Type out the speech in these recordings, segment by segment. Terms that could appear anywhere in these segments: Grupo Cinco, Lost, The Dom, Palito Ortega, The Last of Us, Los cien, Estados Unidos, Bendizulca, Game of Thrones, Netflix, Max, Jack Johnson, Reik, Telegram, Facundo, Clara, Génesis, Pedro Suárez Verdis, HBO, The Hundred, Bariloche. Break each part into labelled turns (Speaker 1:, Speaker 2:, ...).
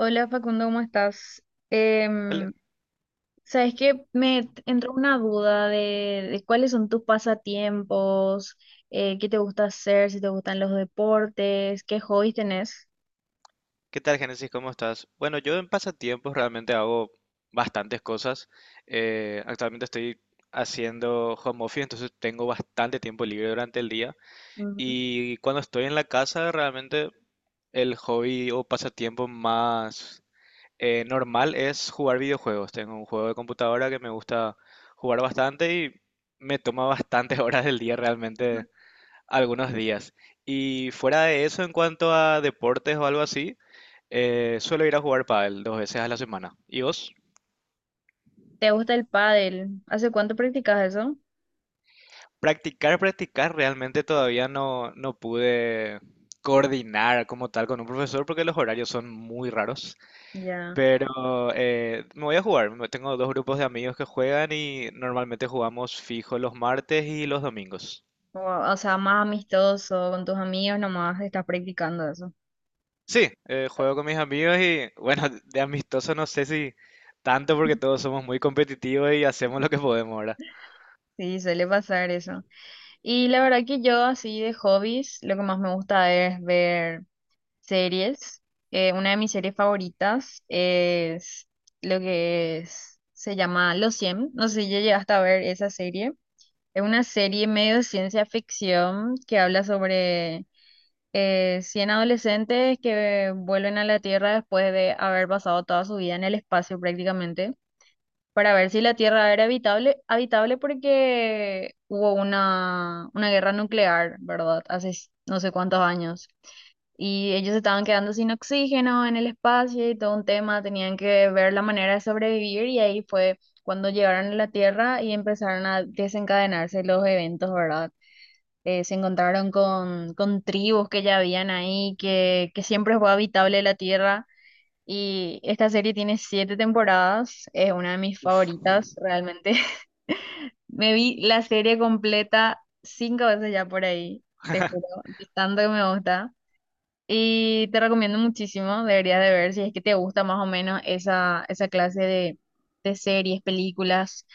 Speaker 1: Hola Facundo, ¿cómo estás?
Speaker 2: Hola,
Speaker 1: Em, sabes que me entró una duda de cuáles son tus pasatiempos, qué te gusta hacer, si te gustan los deportes, qué hobbies tenés.
Speaker 2: ¿qué tal, Génesis? ¿Cómo estás? Bueno, yo en pasatiempos realmente hago bastantes cosas. Actualmente estoy haciendo home office, entonces tengo bastante tiempo libre durante el día.
Speaker 1: Ujú.
Speaker 2: Y cuando estoy en la casa, realmente el hobby o pasatiempo más normal es jugar videojuegos. Tengo un juego de computadora que me gusta jugar bastante y me toma bastantes horas del día realmente algunos días. Y fuera de eso, en cuanto a deportes o algo así, suelo ir a jugar pádel dos veces a la semana. ¿Y vos?
Speaker 1: ¿Te gusta el pádel? ¿Hace cuánto practicas eso?
Speaker 2: Practicar, realmente todavía no pude coordinar como tal con un profesor porque los horarios son muy raros.
Speaker 1: Ya.
Speaker 2: Pero me voy a jugar. Tengo dos grupos de amigos que juegan y normalmente jugamos fijo los martes y los domingos.
Speaker 1: O, o sea, más amistoso, con tus amigos nomás estás practicando eso.
Speaker 2: Sí, juego con mis amigos y bueno, de amistoso no sé si tanto porque todos somos muy competitivos y hacemos lo que podemos ahora.
Speaker 1: Sí, suele pasar eso. Y la verdad que yo así de hobbies, lo que más me gusta es ver series. Una de mis series favoritas es se llama Los Cien. No sé si ya llegaste a ver esa serie. Es una serie medio de ciencia ficción que habla sobre 100 adolescentes que vuelven a la Tierra después de haber pasado toda su vida en el espacio prácticamente, para ver si la Tierra era habitable, habitable porque hubo una guerra nuclear, ¿verdad? Hace no sé cuántos años y ellos estaban quedando sin oxígeno en el espacio y todo un tema, tenían que ver la manera de sobrevivir y ahí fue cuando llegaron a la Tierra y empezaron a desencadenarse los eventos, ¿verdad? Se encontraron con tribus que ya habían ahí, que siempre fue habitable la Tierra. Y esta serie tiene siete temporadas, es una de mis
Speaker 2: Uf,
Speaker 1: favoritas realmente. Me vi la serie completa cinco veces ya por ahí, te juro, de tanto que me gusta. Y te recomiendo muchísimo, deberías de ver si es que te gusta más o menos esa clase de series, películas.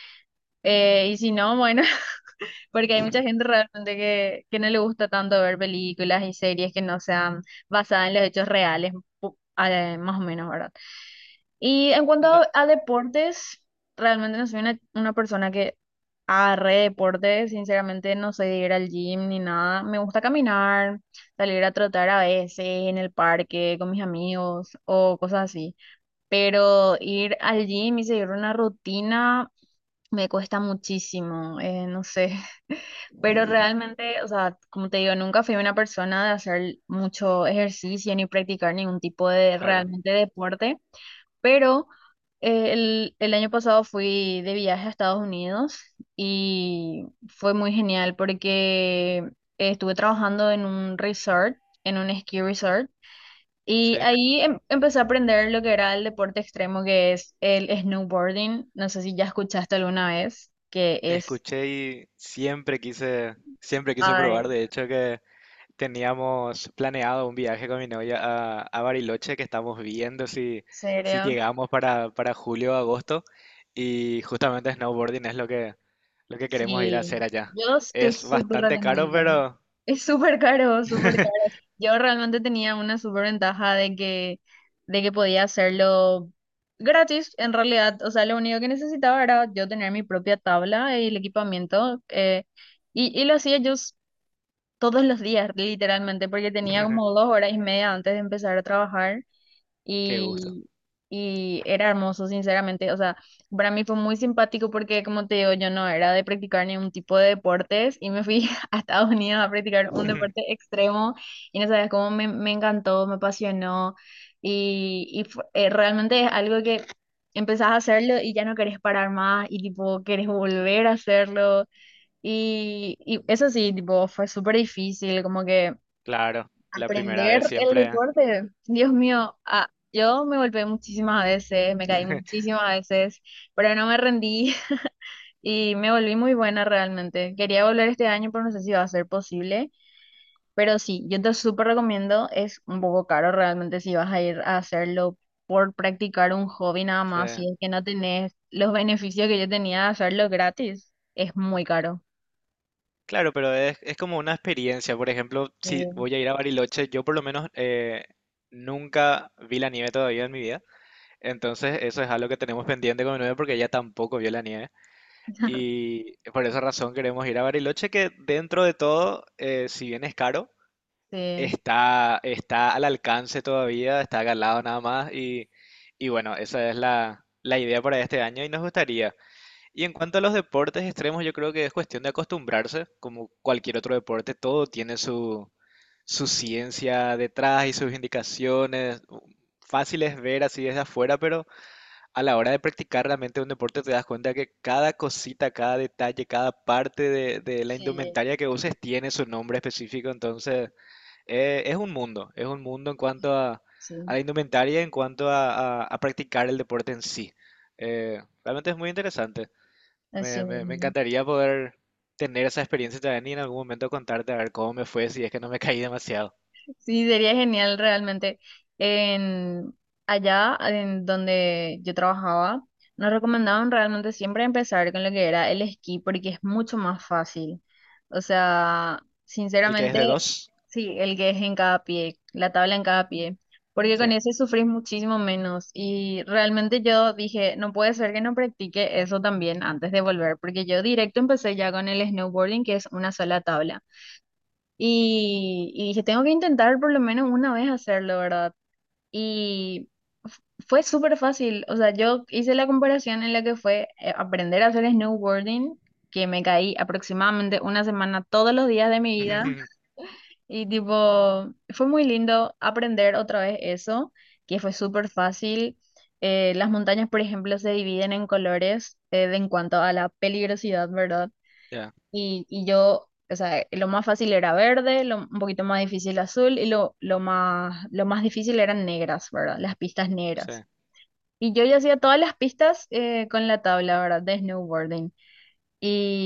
Speaker 1: Y si no, bueno, porque hay mucha gente realmente que no le gusta tanto ver películas y series que no sean basadas en los hechos reales, pu- más o menos, ¿verdad? Y en cuanto
Speaker 2: no,
Speaker 1: a deportes, realmente no soy una persona que agarre deportes, sinceramente no soy de ir al gym ni nada. Me gusta caminar, salir a trotar a veces en el parque con mis amigos o cosas así. Pero ir al gym y seguir una rutina me cuesta muchísimo, no sé. Pero realmente, o sea, como te digo, nunca fui una persona de hacer mucho ejercicio ni practicar ningún tipo de
Speaker 2: claro,
Speaker 1: realmente deporte. Pero el año pasado fui de viaje a Estados Unidos y fue muy genial porque estuve trabajando en un resort, en un ski resort, y
Speaker 2: sí.
Speaker 1: ahí empecé a aprender lo que era el deporte extremo, que es el snowboarding. No sé si ya escuchaste alguna vez, que es...
Speaker 2: Escuché y siempre quise
Speaker 1: Ay,
Speaker 2: probar.
Speaker 1: ¿en
Speaker 2: De hecho, que teníamos planeado un viaje con mi novia a Bariloche, que estamos viendo si
Speaker 1: serio?
Speaker 2: llegamos para julio o agosto. Y justamente snowboarding es lo lo que queremos ir a
Speaker 1: Sí,
Speaker 2: hacer allá.
Speaker 1: yo te
Speaker 2: Es
Speaker 1: súper
Speaker 2: bastante caro,
Speaker 1: recomiendo.
Speaker 2: pero
Speaker 1: Es súper caro, súper caro. Yo realmente tenía una súper ventaja de que podía hacerlo gratis, en realidad. O sea, lo único que necesitaba era yo tener mi propia tabla y el equipamiento. Y lo hacía todos los días, literalmente, porque tenía como 2 horas y media antes de empezar a trabajar
Speaker 2: qué gusto.
Speaker 1: y, y era hermoso, sinceramente. O sea, para mí fue muy simpático porque, como te digo, yo no era de practicar ningún tipo de deportes y me fui a Estados Unidos a practicar un deporte extremo y no sabes cómo me encantó, me apasionó y realmente es algo que empezás a hacerlo y ya no querés parar más y tipo querés volver a hacerlo. Y eso sí, tipo, fue súper difícil, como que
Speaker 2: Claro, la primera vez
Speaker 1: aprender el
Speaker 2: siempre.
Speaker 1: deporte, Dios mío, yo me golpeé muchísimas veces, me caí muchísimas veces, pero no me rendí y me volví muy buena realmente. Quería volver este año, pero no sé si va a ser posible. Pero sí, yo te súper recomiendo, es un poco caro realmente si vas a ir a hacerlo por practicar un hobby nada
Speaker 2: Sí.
Speaker 1: más, si es que no tenés los beneficios que yo tenía de hacerlo gratis, es muy caro.
Speaker 2: Claro, pero es como una experiencia. Por ejemplo, si
Speaker 1: Sí,
Speaker 2: voy a ir a Bariloche, yo por lo menos nunca vi la nieve todavía en mi vida. Entonces, eso es algo que tenemos pendiente con mi novia porque ella tampoco vio la nieve. Y por esa razón queremos ir a Bariloche, que dentro de todo, si bien es caro,
Speaker 1: sí,
Speaker 2: está al alcance todavía, está acá al lado nada más. Y bueno, esa es la idea para este año y nos gustaría. Y en cuanto a los deportes extremos, yo creo que es cuestión de acostumbrarse, como cualquier otro deporte, todo tiene su ciencia detrás y sus indicaciones. Fácil es ver así desde afuera, pero a la hora de practicar realmente un deporte te das cuenta que cada cosita, cada detalle, cada parte de la
Speaker 1: sí,
Speaker 2: indumentaria que uses tiene su nombre específico. Entonces, es un mundo en cuanto a
Speaker 1: sí,
Speaker 2: la indumentaria, en cuanto a practicar el deporte en sí. Realmente es muy interesante.
Speaker 1: así
Speaker 2: Me
Speaker 1: mismo.
Speaker 2: encantaría poder tener esa experiencia también y en algún momento contarte a ver cómo me fue si es que no me caí demasiado.
Speaker 1: Sí, sería genial realmente. En, Allá en donde yo trabajaba, nos recomendaban realmente siempre empezar con lo que era el esquí porque es mucho más fácil. O sea,
Speaker 2: ¿El que es
Speaker 1: sinceramente,
Speaker 2: de dos?
Speaker 1: sí, el que es en cada pie, la tabla en cada pie, porque
Speaker 2: Sí.
Speaker 1: con ese sufrís muchísimo menos. Y realmente yo dije, no puede ser que no practique eso también antes de volver, porque yo directo empecé ya con el snowboarding, que es una sola tabla. Y dije, tengo que intentar por lo menos una vez hacerlo, ¿verdad? Y f- fue súper fácil. O sea, yo hice la comparación en la que fue aprender a hacer snowboarding, que me caí aproximadamente una semana todos los días de mi vida. Y tipo, fue muy lindo aprender otra vez eso, que fue súper fácil. Las montañas, por ejemplo, se dividen en colores de en cuanto a la peligrosidad, ¿verdad?
Speaker 2: Ya,
Speaker 1: Y yo, o sea, lo más fácil era verde, lo, un poquito más difícil azul y lo más difícil eran negras, ¿verdad? Las pistas
Speaker 2: sí.
Speaker 1: negras. Y yo ya hacía todas las pistas con la tabla, ¿verdad? De snowboarding.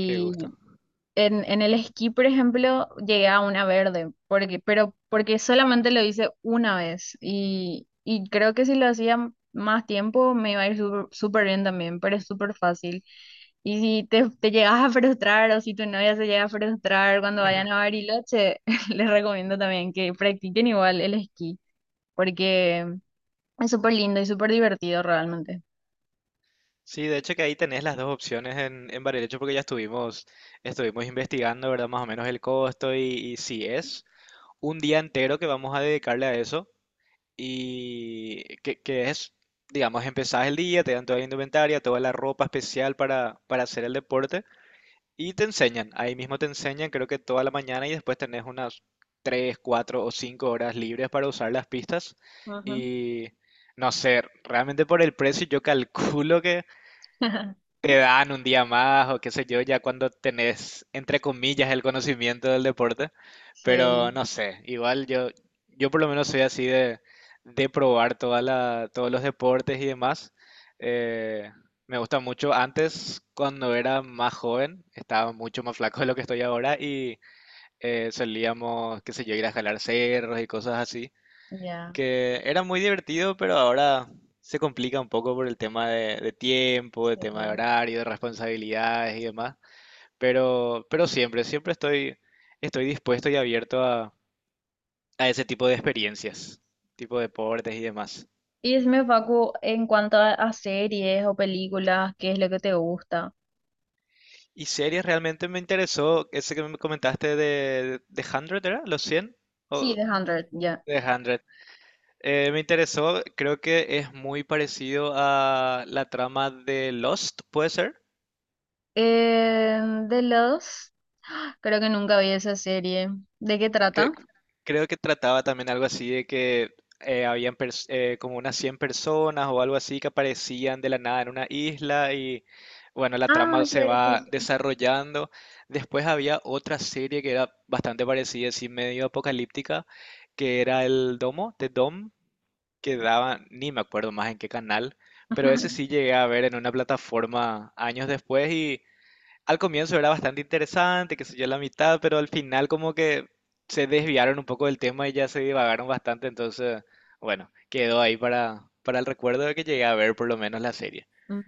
Speaker 2: Qué gusto.
Speaker 1: en el esquí, por ejemplo, llegué a una verde, porque, pero porque solamente lo hice una vez y creo que si lo hacía más tiempo me iba a ir súper súper bien también, pero es súper fácil. Y si te llegas a frustrar o si tu novia se llega a frustrar cuando vayan a Bariloche, les recomiendo también que practiquen igual el esquí, porque es súper lindo y súper divertido realmente.
Speaker 2: Sí, de hecho que ahí tenés las dos opciones en Bariloche porque ya estuvimos, estuvimos investigando, ¿verdad? Más o menos el costo y si es un día entero que vamos a dedicarle a eso y que es, digamos, empezás el día, te dan toda la indumentaria, toda la ropa especial para hacer el deporte. Y te enseñan, ahí mismo te enseñan, creo que toda la mañana y después tenés unas 3 4 o 5 horas libres para usar las pistas.
Speaker 1: Ujú.
Speaker 2: Y no sé, realmente por el precio yo calculo que te dan un día más o qué sé yo, ya cuando tenés, entre comillas, el conocimiento del deporte, pero
Speaker 1: Sí,
Speaker 2: no sé, igual yo, yo por lo menos soy así de probar toda la, todos los deportes y demás. Eh, me gusta mucho. Antes, cuando era más joven, estaba mucho más flaco de lo que estoy ahora y solíamos, qué sé yo, ir a jalar cerros y cosas así
Speaker 1: ya,
Speaker 2: que era muy divertido, pero ahora se complica un poco por el tema de tiempo, de tema de
Speaker 1: sí.
Speaker 2: horario, de responsabilidades y demás. Pero siempre, siempre estoy, estoy dispuesto y abierto a ese tipo de experiencias, tipo de deportes y demás.
Speaker 1: Y decime, Facu, en cuanto a series o películas, ¿qué es lo que te gusta?
Speaker 2: Y series realmente me interesó, ese que me comentaste de 100, ¿era? ¿Los 100
Speaker 1: Sí,
Speaker 2: o
Speaker 1: The Hundred ya.
Speaker 2: de 100? Me interesó, creo que es muy parecido a la trama de Lost, ¿puede ser?
Speaker 1: Eh, de los... Creo que nunca vi esa serie. ¿De qué trata?
Speaker 2: Cre- Creo que trataba también algo así de que habían como unas 100 personas o algo así que aparecían de la nada en una isla y bueno, la
Speaker 1: Ah,
Speaker 2: trama se
Speaker 1: claro que
Speaker 2: va
Speaker 1: sí.
Speaker 2: desarrollando. Después había otra serie que era bastante parecida, así medio apocalíptica, que era el Domo, The Dom, que daban, ni me acuerdo más en qué canal, pero ese sí llegué a ver en una plataforma años después. Al comienzo era bastante interesante, que sé yo, la mitad, pero al final como que se desviaron un poco del tema y ya se divagaron bastante, entonces, bueno, quedó ahí para el recuerdo de que llegué a ver por lo menos la serie.
Speaker 1: Mm.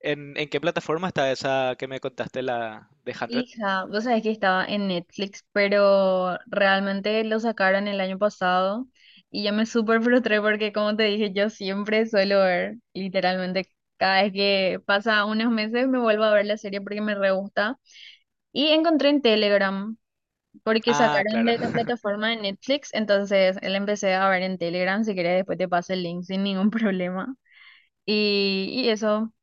Speaker 2: En qué plataforma está esa que me contaste, la de 100?
Speaker 1: Hija, vos sabés que estaba en Netflix, pero realmente lo sacaron el año pasado y yo me súper frustré porque, como te dije, yo siempre suelo ver, literalmente, cada vez que pasa unos meses me vuelvo a ver la serie porque me re gusta. Y encontré en Telegram. Porque
Speaker 2: Ah,
Speaker 1: sacaron
Speaker 2: claro.
Speaker 1: de la plataforma de Netflix, entonces él empecé a ver en Telegram, si querés después te paso el link sin ningún problema. Y eso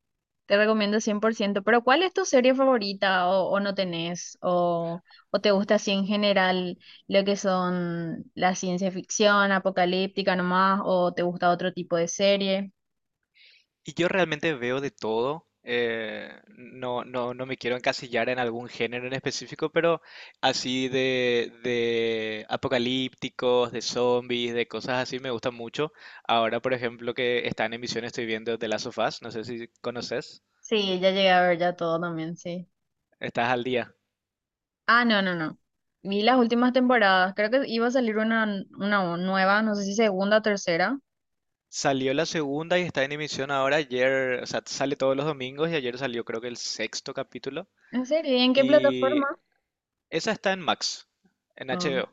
Speaker 1: te recomiendo 100%. Pero ¿cuál es tu serie favorita o no tenés? ¿O te gusta así en general lo que son la ciencia ficción, apocalíptica nomás? ¿O te gusta otro tipo de serie?
Speaker 2: Y yo realmente veo de todo. Eh, no, no, no me quiero encasillar en algún género en específico, pero así de apocalípticos, de zombies, de cosas así me gustan mucho. Ahora, por ejemplo, que está en emisión, estoy viendo The Last of Us. No sé si conoces.
Speaker 1: Sí, ya llegué a ver ya todo también, sí.
Speaker 2: Estás al día.
Speaker 1: Ah, no, no, no. Vi las últimas temporadas, creo que iba a salir una nueva, no sé si segunda o tercera.
Speaker 2: Salió la segunda y está en emisión ahora. Ayer, o sea, sale todos los domingos y ayer salió creo que el sexto capítulo.
Speaker 1: ¿En serio? ¿Y en qué
Speaker 2: Y
Speaker 1: plataforma?
Speaker 2: esa está en Max, en
Speaker 1: Ah,
Speaker 2: HBO.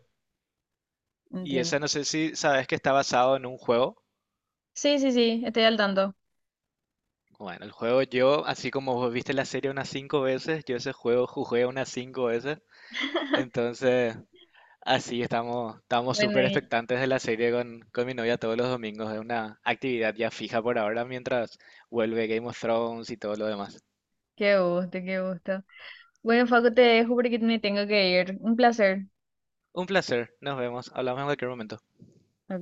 Speaker 2: Y
Speaker 1: entiendo.
Speaker 2: esa no sé si sabes que está basado en un juego.
Speaker 1: Sí, sí, sí, estoy al tanto.
Speaker 2: Bueno, el juego yo, así como vos viste la serie unas cinco veces, yo ese juego jugué unas cinco veces. Entonces, así estamos, estamos
Speaker 1: Bueno,
Speaker 2: súper
Speaker 1: y
Speaker 2: expectantes de la serie con mi novia todos los domingos. Es una actividad ya fija por ahora mientras vuelve Game of Thrones y todo lo demás.
Speaker 1: qué gusto, qué gusto. Bueno, Facu, te dejo porque me tengo que ir. Un placer.
Speaker 2: Un placer, nos vemos, hablamos en cualquier momento.
Speaker 1: Ok.